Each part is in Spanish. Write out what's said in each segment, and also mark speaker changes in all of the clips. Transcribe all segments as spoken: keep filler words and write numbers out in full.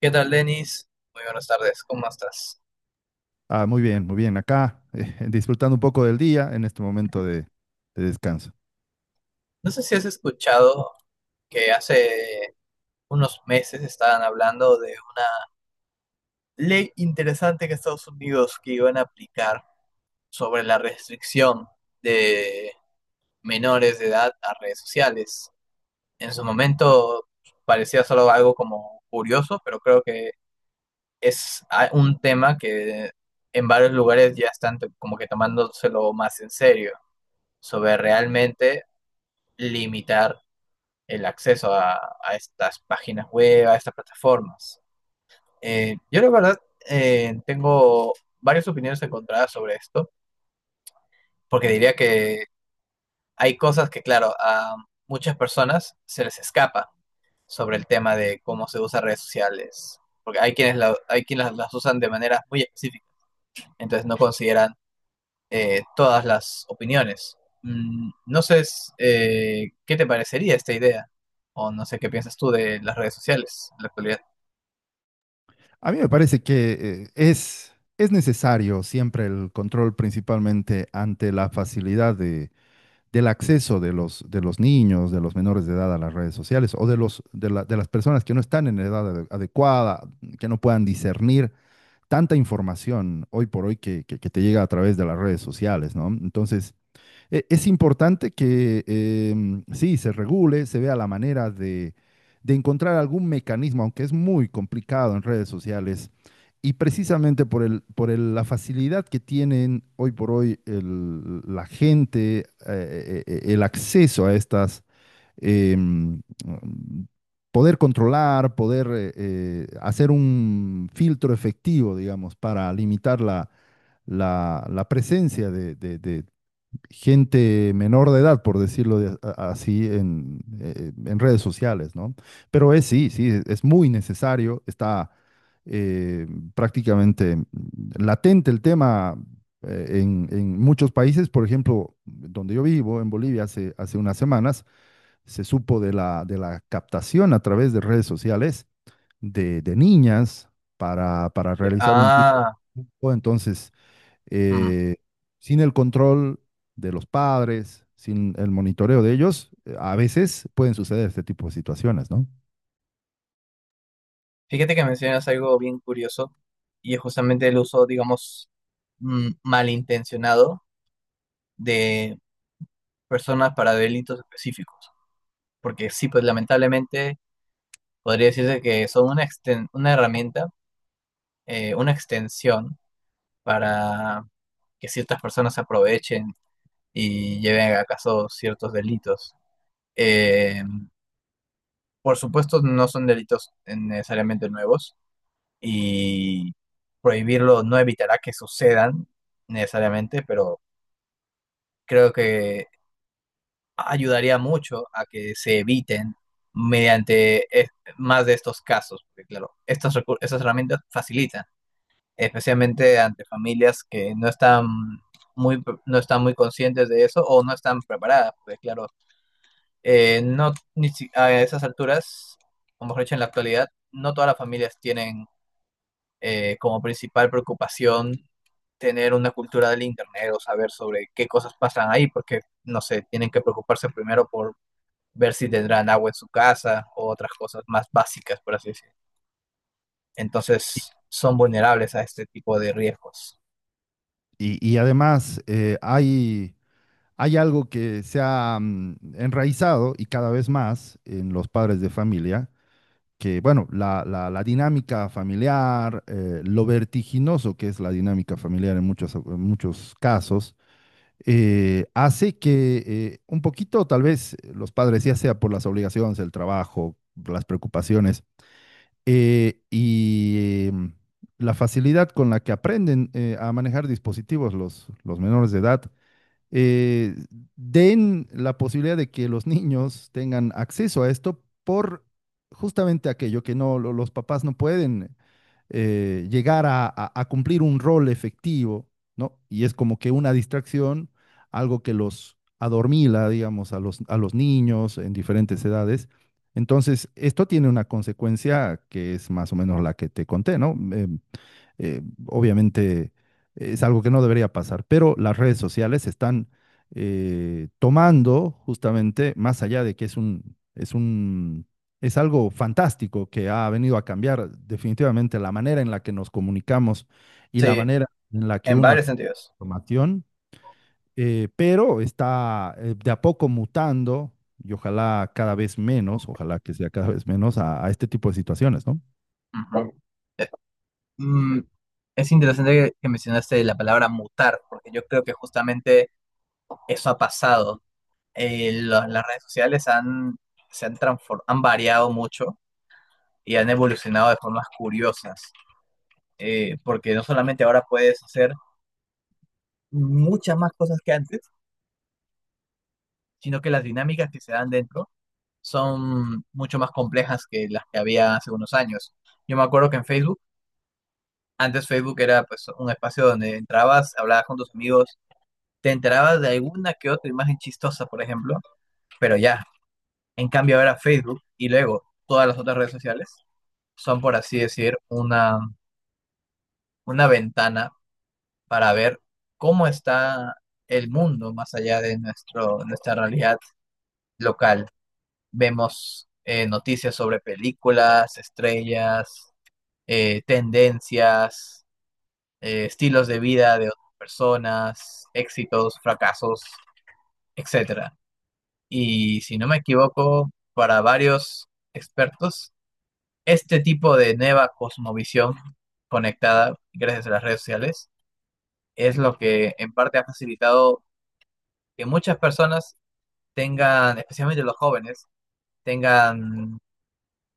Speaker 1: ¿Qué tal, Denis? Muy buenas tardes, ¿cómo estás?
Speaker 2: Ah, muy bien, muy bien. Acá, eh, disfrutando un poco del día en este momento de, de descanso.
Speaker 1: No sé si has escuchado que hace unos meses estaban hablando de una ley interesante que Estados Unidos que iban a aplicar sobre la restricción de menores de edad a redes sociales. En su momento parecía solo algo como curioso, pero creo que es a- un tema que en varios lugares ya están t- como que tomándoselo más en serio, sobre realmente limitar el acceso a, a estas páginas web, a estas plataformas. Eh, yo la verdad eh, tengo varias opiniones encontradas sobre esto, porque diría que hay cosas que, claro, a muchas personas se les escapa sobre el tema de cómo se usan redes sociales, porque hay quienes, la- hay quienes las, las usan de manera muy específica, entonces no consideran eh, todas las opiniones. Mm, no sé eh, qué te parecería esta idea, o no sé qué piensas tú de las redes sociales en la actualidad.
Speaker 2: A mí me parece que eh, es, es necesario siempre el control, principalmente ante la facilidad de, del acceso de los, de los niños, de los menores de edad a las redes sociales o de los, de la- de las personas que no están en la edad ade- adecuada, que no puedan discernir tanta información hoy por hoy que, que que te llega a través de las redes sociales, ¿no? Entonces… E- Es importante que em, sí, se regule, se vea la manera de, de encontrar algún mecanismo, aunque es muy complicado en redes sociales. Y precisamente por el, por el- la facilidad que tienen hoy por hoy el- la gente, eh, eh, eh, el acceso a estas, em, poder controlar, poder eh, eh, hacer un filtro efectivo, digamos, para limitar la, la- la presencia de, de- de- gente menor de edad, por decirlo de- a- así, en, eh, en redes sociales, ¿no? Pero es sí, sí, es es muy necesario, está eh, prácticamente latente el tema eh, en, en muchos países, por ejemplo, donde yo vivo, en Bolivia, hace, hace unas semanas, se supo de la, de la captación a través de redes sociales de, de niñas para, para
Speaker 1: Ya.
Speaker 2: realizar un tipo,
Speaker 1: Ah,
Speaker 2: de… Entonces
Speaker 1: mm.
Speaker 2: eh, sin el control de los padres, sin el monitoreo de ellos, eh, a veces pueden suceder este tipo de situaciones, ¿no?
Speaker 1: Fíjate que mencionas algo bien curioso y es justamente el uso, digamos, mm, malintencionado de personas para delitos específicos. Porque sí, pues lamentablemente podría decirse que son una, exten- una herramienta, eh, una extensión para que ciertas personas se aprovechen y lleven a caso ciertos delitos. Eh, por supuesto, no son delitos necesariamente nuevos. Y prohibirlo no evitará que sucedan necesariamente, pero creo que ayudaría mucho a que se eviten mediante es- más de estos casos, porque claro, estas, recu- estas herramientas facilitan, especialmente ante familias que no están muy, pre- no están muy conscientes de eso o no están preparadas, porque claro, eh, no, ni si- a esas alturas, o mejor dicho, en la actualidad, no todas las familias tienen eh, como principal preocupación tener una cultura del Internet o saber sobre qué cosas pasan ahí, porque, no sé, tienen que preocuparse primero por ver si tendrán agua en su casa o otras cosas más básicas, por así decirlo. Entonces, son vulnerables a este tipo de riesgos.
Speaker 2: Y, y además eh, hay, hay algo que se ha mm, enraizado y cada vez más en los padres de familia, que bueno, la, la- la dinámica familiar, eh, lo vertiginoso que es la dinámica familiar en muchos, en muchos casos, eh, hace que eh, un poquito, tal vez, los padres, ya sea por las obligaciones, el trabajo, las preocupaciones, eh, y em, la facilidad con la que aprenden eh, a manejar dispositivos los, los menores de edad, eh, den la posibilidad de que los niños tengan acceso a esto por justamente aquello que no, lo- los papás no pueden eh, llegar a, a- a cumplir un rol efectivo, ¿no? Y es como que una distracción, algo que los adormila, digamos, a los, a los niños en diferentes edades. Entonces, esto tiene una consecuencia que es más o menos la que te conté, ¿no? Em, eh, obviamente es algo que no debería pasar, pero las redes sociales están eh, tomando justamente, más allá de que es un, es un, es algo fantástico que ha venido a cambiar definitivamente la manera en la que nos comunicamos y la
Speaker 1: Sí,
Speaker 2: manera en la que
Speaker 1: en
Speaker 2: uno
Speaker 1: varios
Speaker 2: accede a la
Speaker 1: sentidos.
Speaker 2: información, eh, pero está eh, de a poco mutando. Y ojalá cada vez menos, ojalá que sea cada vez menos a, a este tipo de situaciones, ¿no?
Speaker 1: Ujú. Bueno, Eh, Mm, es interesante que que mencionaste la palabra mutar, porque yo creo que justamente eso ha pasado. Eh, la- las redes sociales han, se han transfor- han variado mucho y han evolucionado de formas curiosas, eh, porque no solamente ahora puedes hacer muchas más cosas que antes, sino que las dinámicas que se dan dentro son mucho más complejas que las que había hace unos años. Yo me acuerdo que en Facebook, antes Facebook era pues un espacio donde entrabas, hablabas con tus amigos, te enterabas de alguna que otra imagen chistosa, por ejemplo, pero ya. En cambio ahora Facebook y luego todas las otras redes sociales son, por así decir, una, una ventana para ver cómo está el mundo más allá de nuestro, nuestra realidad local. Vemos eh, noticias sobre películas, estrellas, eh, tendencias, eh, estilos de vida de otras personas, éxitos, fracasos, etcétera. Y si no me equivoco, para varios expertos, este tipo de nueva cosmovisión conectada gracias a las redes sociales es lo que en parte ha facilitado que muchas personas tengan, especialmente los jóvenes, tengan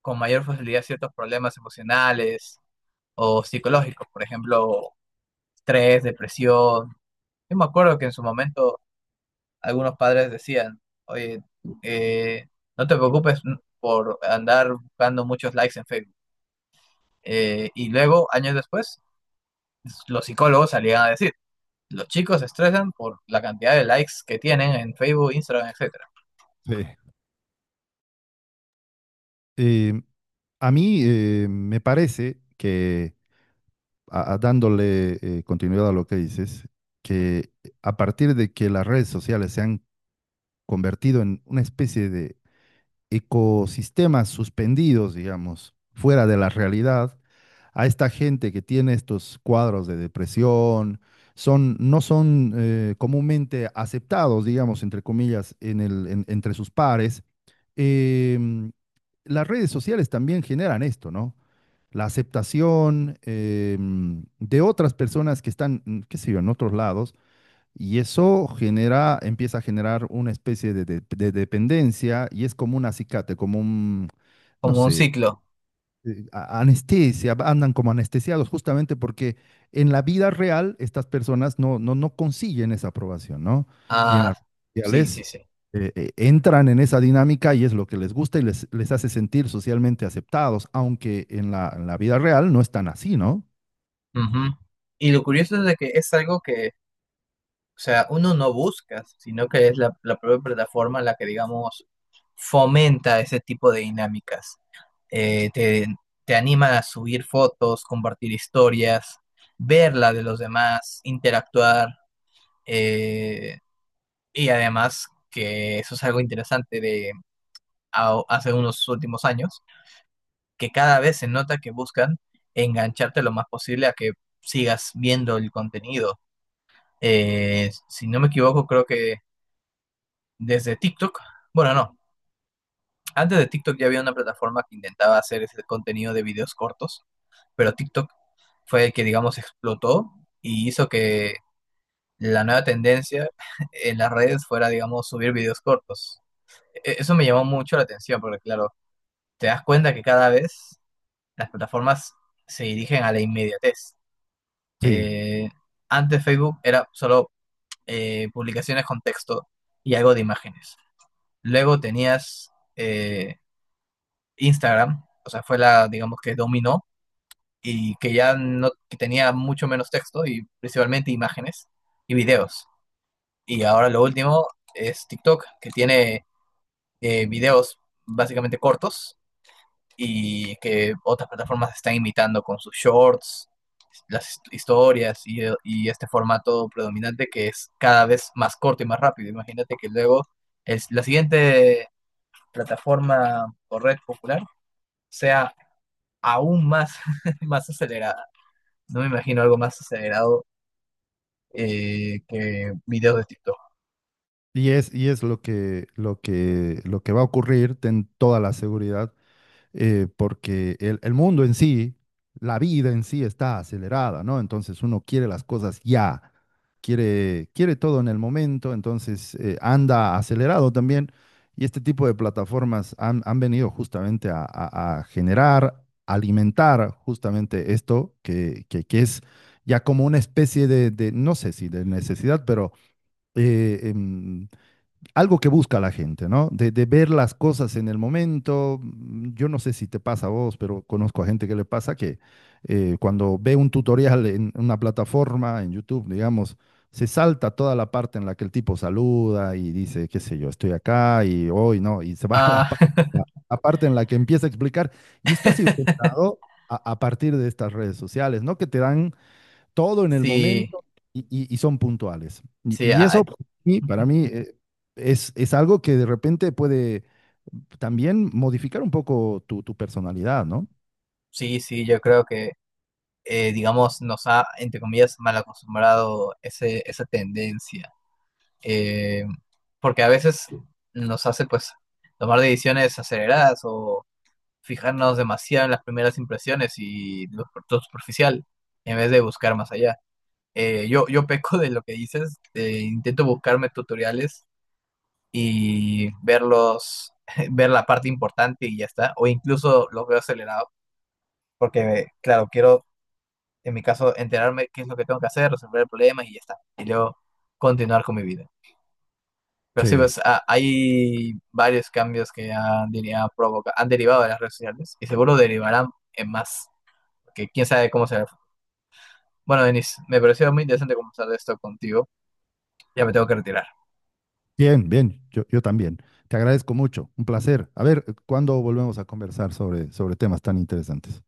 Speaker 1: con mayor facilidad ciertos problemas emocionales o psicológicos, por ejemplo, estrés, depresión. Yo me acuerdo que en su momento algunos padres decían, oye, eh, no te preocupes por andar buscando muchos likes en Facebook. Eh, y luego, años después, los psicólogos salían a decir, los chicos se estresan por la cantidad de likes que tienen en Facebook, Instagram, etcétera.
Speaker 2: Sí. Eh, a mí eh, me parece que, a- a- dándole eh, continuidad a lo que dices, que a partir de que las redes sociales se han convertido en una especie de ecosistemas suspendidos, digamos, fuera de la realidad, a esta gente que tiene estos cuadros de depresión, son, no son eh, comúnmente aceptados, digamos, entre comillas, en el, en- entre sus pares. em, las redes sociales también generan esto, ¿no? La aceptación em, de otras personas que están, mm, qué sé yo, en otros lados, y eso genera, empieza a generar una especie de, de- de dependencia y es como un acicate, como un, no
Speaker 1: Como un
Speaker 2: sé,
Speaker 1: ciclo.
Speaker 2: eh, a- anestesia, andan como anestesiados, justamente porque en la vida real estas personas no, no, no consiguen esa aprobación, ¿no? Y en
Speaker 1: Ah,
Speaker 2: las
Speaker 1: sí,
Speaker 2: redes
Speaker 1: sí,
Speaker 2: sociales
Speaker 1: sí.
Speaker 2: eh, eh, entran en esa dinámica y es lo que les gusta y les, les hace sentir socialmente aceptados, aunque en la, en la vida real no están así, ¿no?
Speaker 1: Ujú. Y lo curioso es de que es algo que, o sea, uno no busca, sino que es la, la propia plataforma la que, digamos, fomenta ese tipo de dinámicas. Eh, te, te anima a subir fotos, compartir historias, ver la de los demás, interactuar. eh, y además que eso es algo interesante de a- hace unos últimos años, que cada vez se nota que buscan engancharte lo más posible a que sigas viendo el contenido. Eh, si no me equivoco, creo que desde TikTok, bueno, no, antes de TikTok ya había una plataforma que intentaba hacer ese contenido de videos cortos, pero TikTok fue el que, digamos, explotó y hizo que la nueva tendencia en las redes fuera, digamos, subir videos cortos. E- Eso me llamó mucho la atención porque, claro, te das cuenta que cada vez las plataformas se dirigen a la inmediatez.
Speaker 2: Sí.
Speaker 1: Eh, antes Facebook era solo eh, publicaciones con texto y algo de imágenes. Luego tenías eh, Instagram, o sea, fue la, digamos, que dominó y que ya no que tenía mucho menos texto y principalmente imágenes y videos. Y ahora lo último es TikTok, que tiene eh, videos básicamente cortos y que otras plataformas están imitando con sus shorts, las hist- historias y, y este formato predominante que es cada vez más corto y más rápido. Imagínate que luego es la siguiente plataforma o red popular sea aún más, más acelerada. No me imagino algo más acelerado eh, que videos de TikTok.
Speaker 2: Y es, y es lo que, lo que, lo que va a ocurrir, ten toda la seguridad, eh, porque el, el mundo en sí, la vida en sí está acelerada, ¿no? Entonces uno quiere las cosas ya, quiere, quiere todo en el momento, entonces eh, anda acelerado también. Y este tipo de plataformas han, han venido justamente a, a- a generar, alimentar justamente esto que, que- que es ya como una especie de, de, no sé si de necesidad, pero eh, em, algo que busca la gente, ¿no? De, de, ver las cosas en el momento. Yo no sé si te pasa a vos, pero conozco a gente que le pasa que eh, cuando ve un tutorial en una plataforma, en YouTube, digamos, se salta toda la parte en la que el tipo saluda y dice, qué sé yo, estoy acá y hoy no, y se va a la,
Speaker 1: Ah,
Speaker 2: pa- la- la parte en la que empieza a explicar. Y esto ha sido inventado a, a partir de estas redes sociales, ¿no? Que te dan todo en el
Speaker 1: sí,
Speaker 2: momento y, y- y son puntuales. Y,
Speaker 1: sí,
Speaker 2: y
Speaker 1: ah,
Speaker 2: eso para mí, para mí, eh, es, es algo que de repente puede también modificar un poco tu, tu personalidad, ¿no?
Speaker 1: sí, sí, yo creo que, eh, digamos, nos ha, entre comillas, mal acostumbrado ese, esa tendencia. Eh, porque a veces nos hace, pues, tomar decisiones aceleradas o fijarnos demasiado en las primeras impresiones y lo lo superficial en vez de buscar más allá. Eh, yo, yo peco de lo que dices, eh, intento buscarme tutoriales y verlos, ver la parte importante y ya está, o incluso los veo acelerado, porque claro, quiero en mi caso enterarme qué es lo que tengo que hacer, resolver el problema y ya está, y luego continuar con mi vida. Pero sí,
Speaker 2: Sí.
Speaker 1: pues ha- hay varios cambios que han, diría, provoca- han derivado de las redes sociales y seguro derivarán en más, que quién sabe cómo será el futuro. Bueno, Denis, me pareció muy interesante conversar de esto contigo, ya me tengo que retirar.
Speaker 2: Bien, bien, yo, yo también. Te agradezco mucho, un placer. A ver, ¿cuándo volvemos a conversar sobre, sobre temas tan interesantes?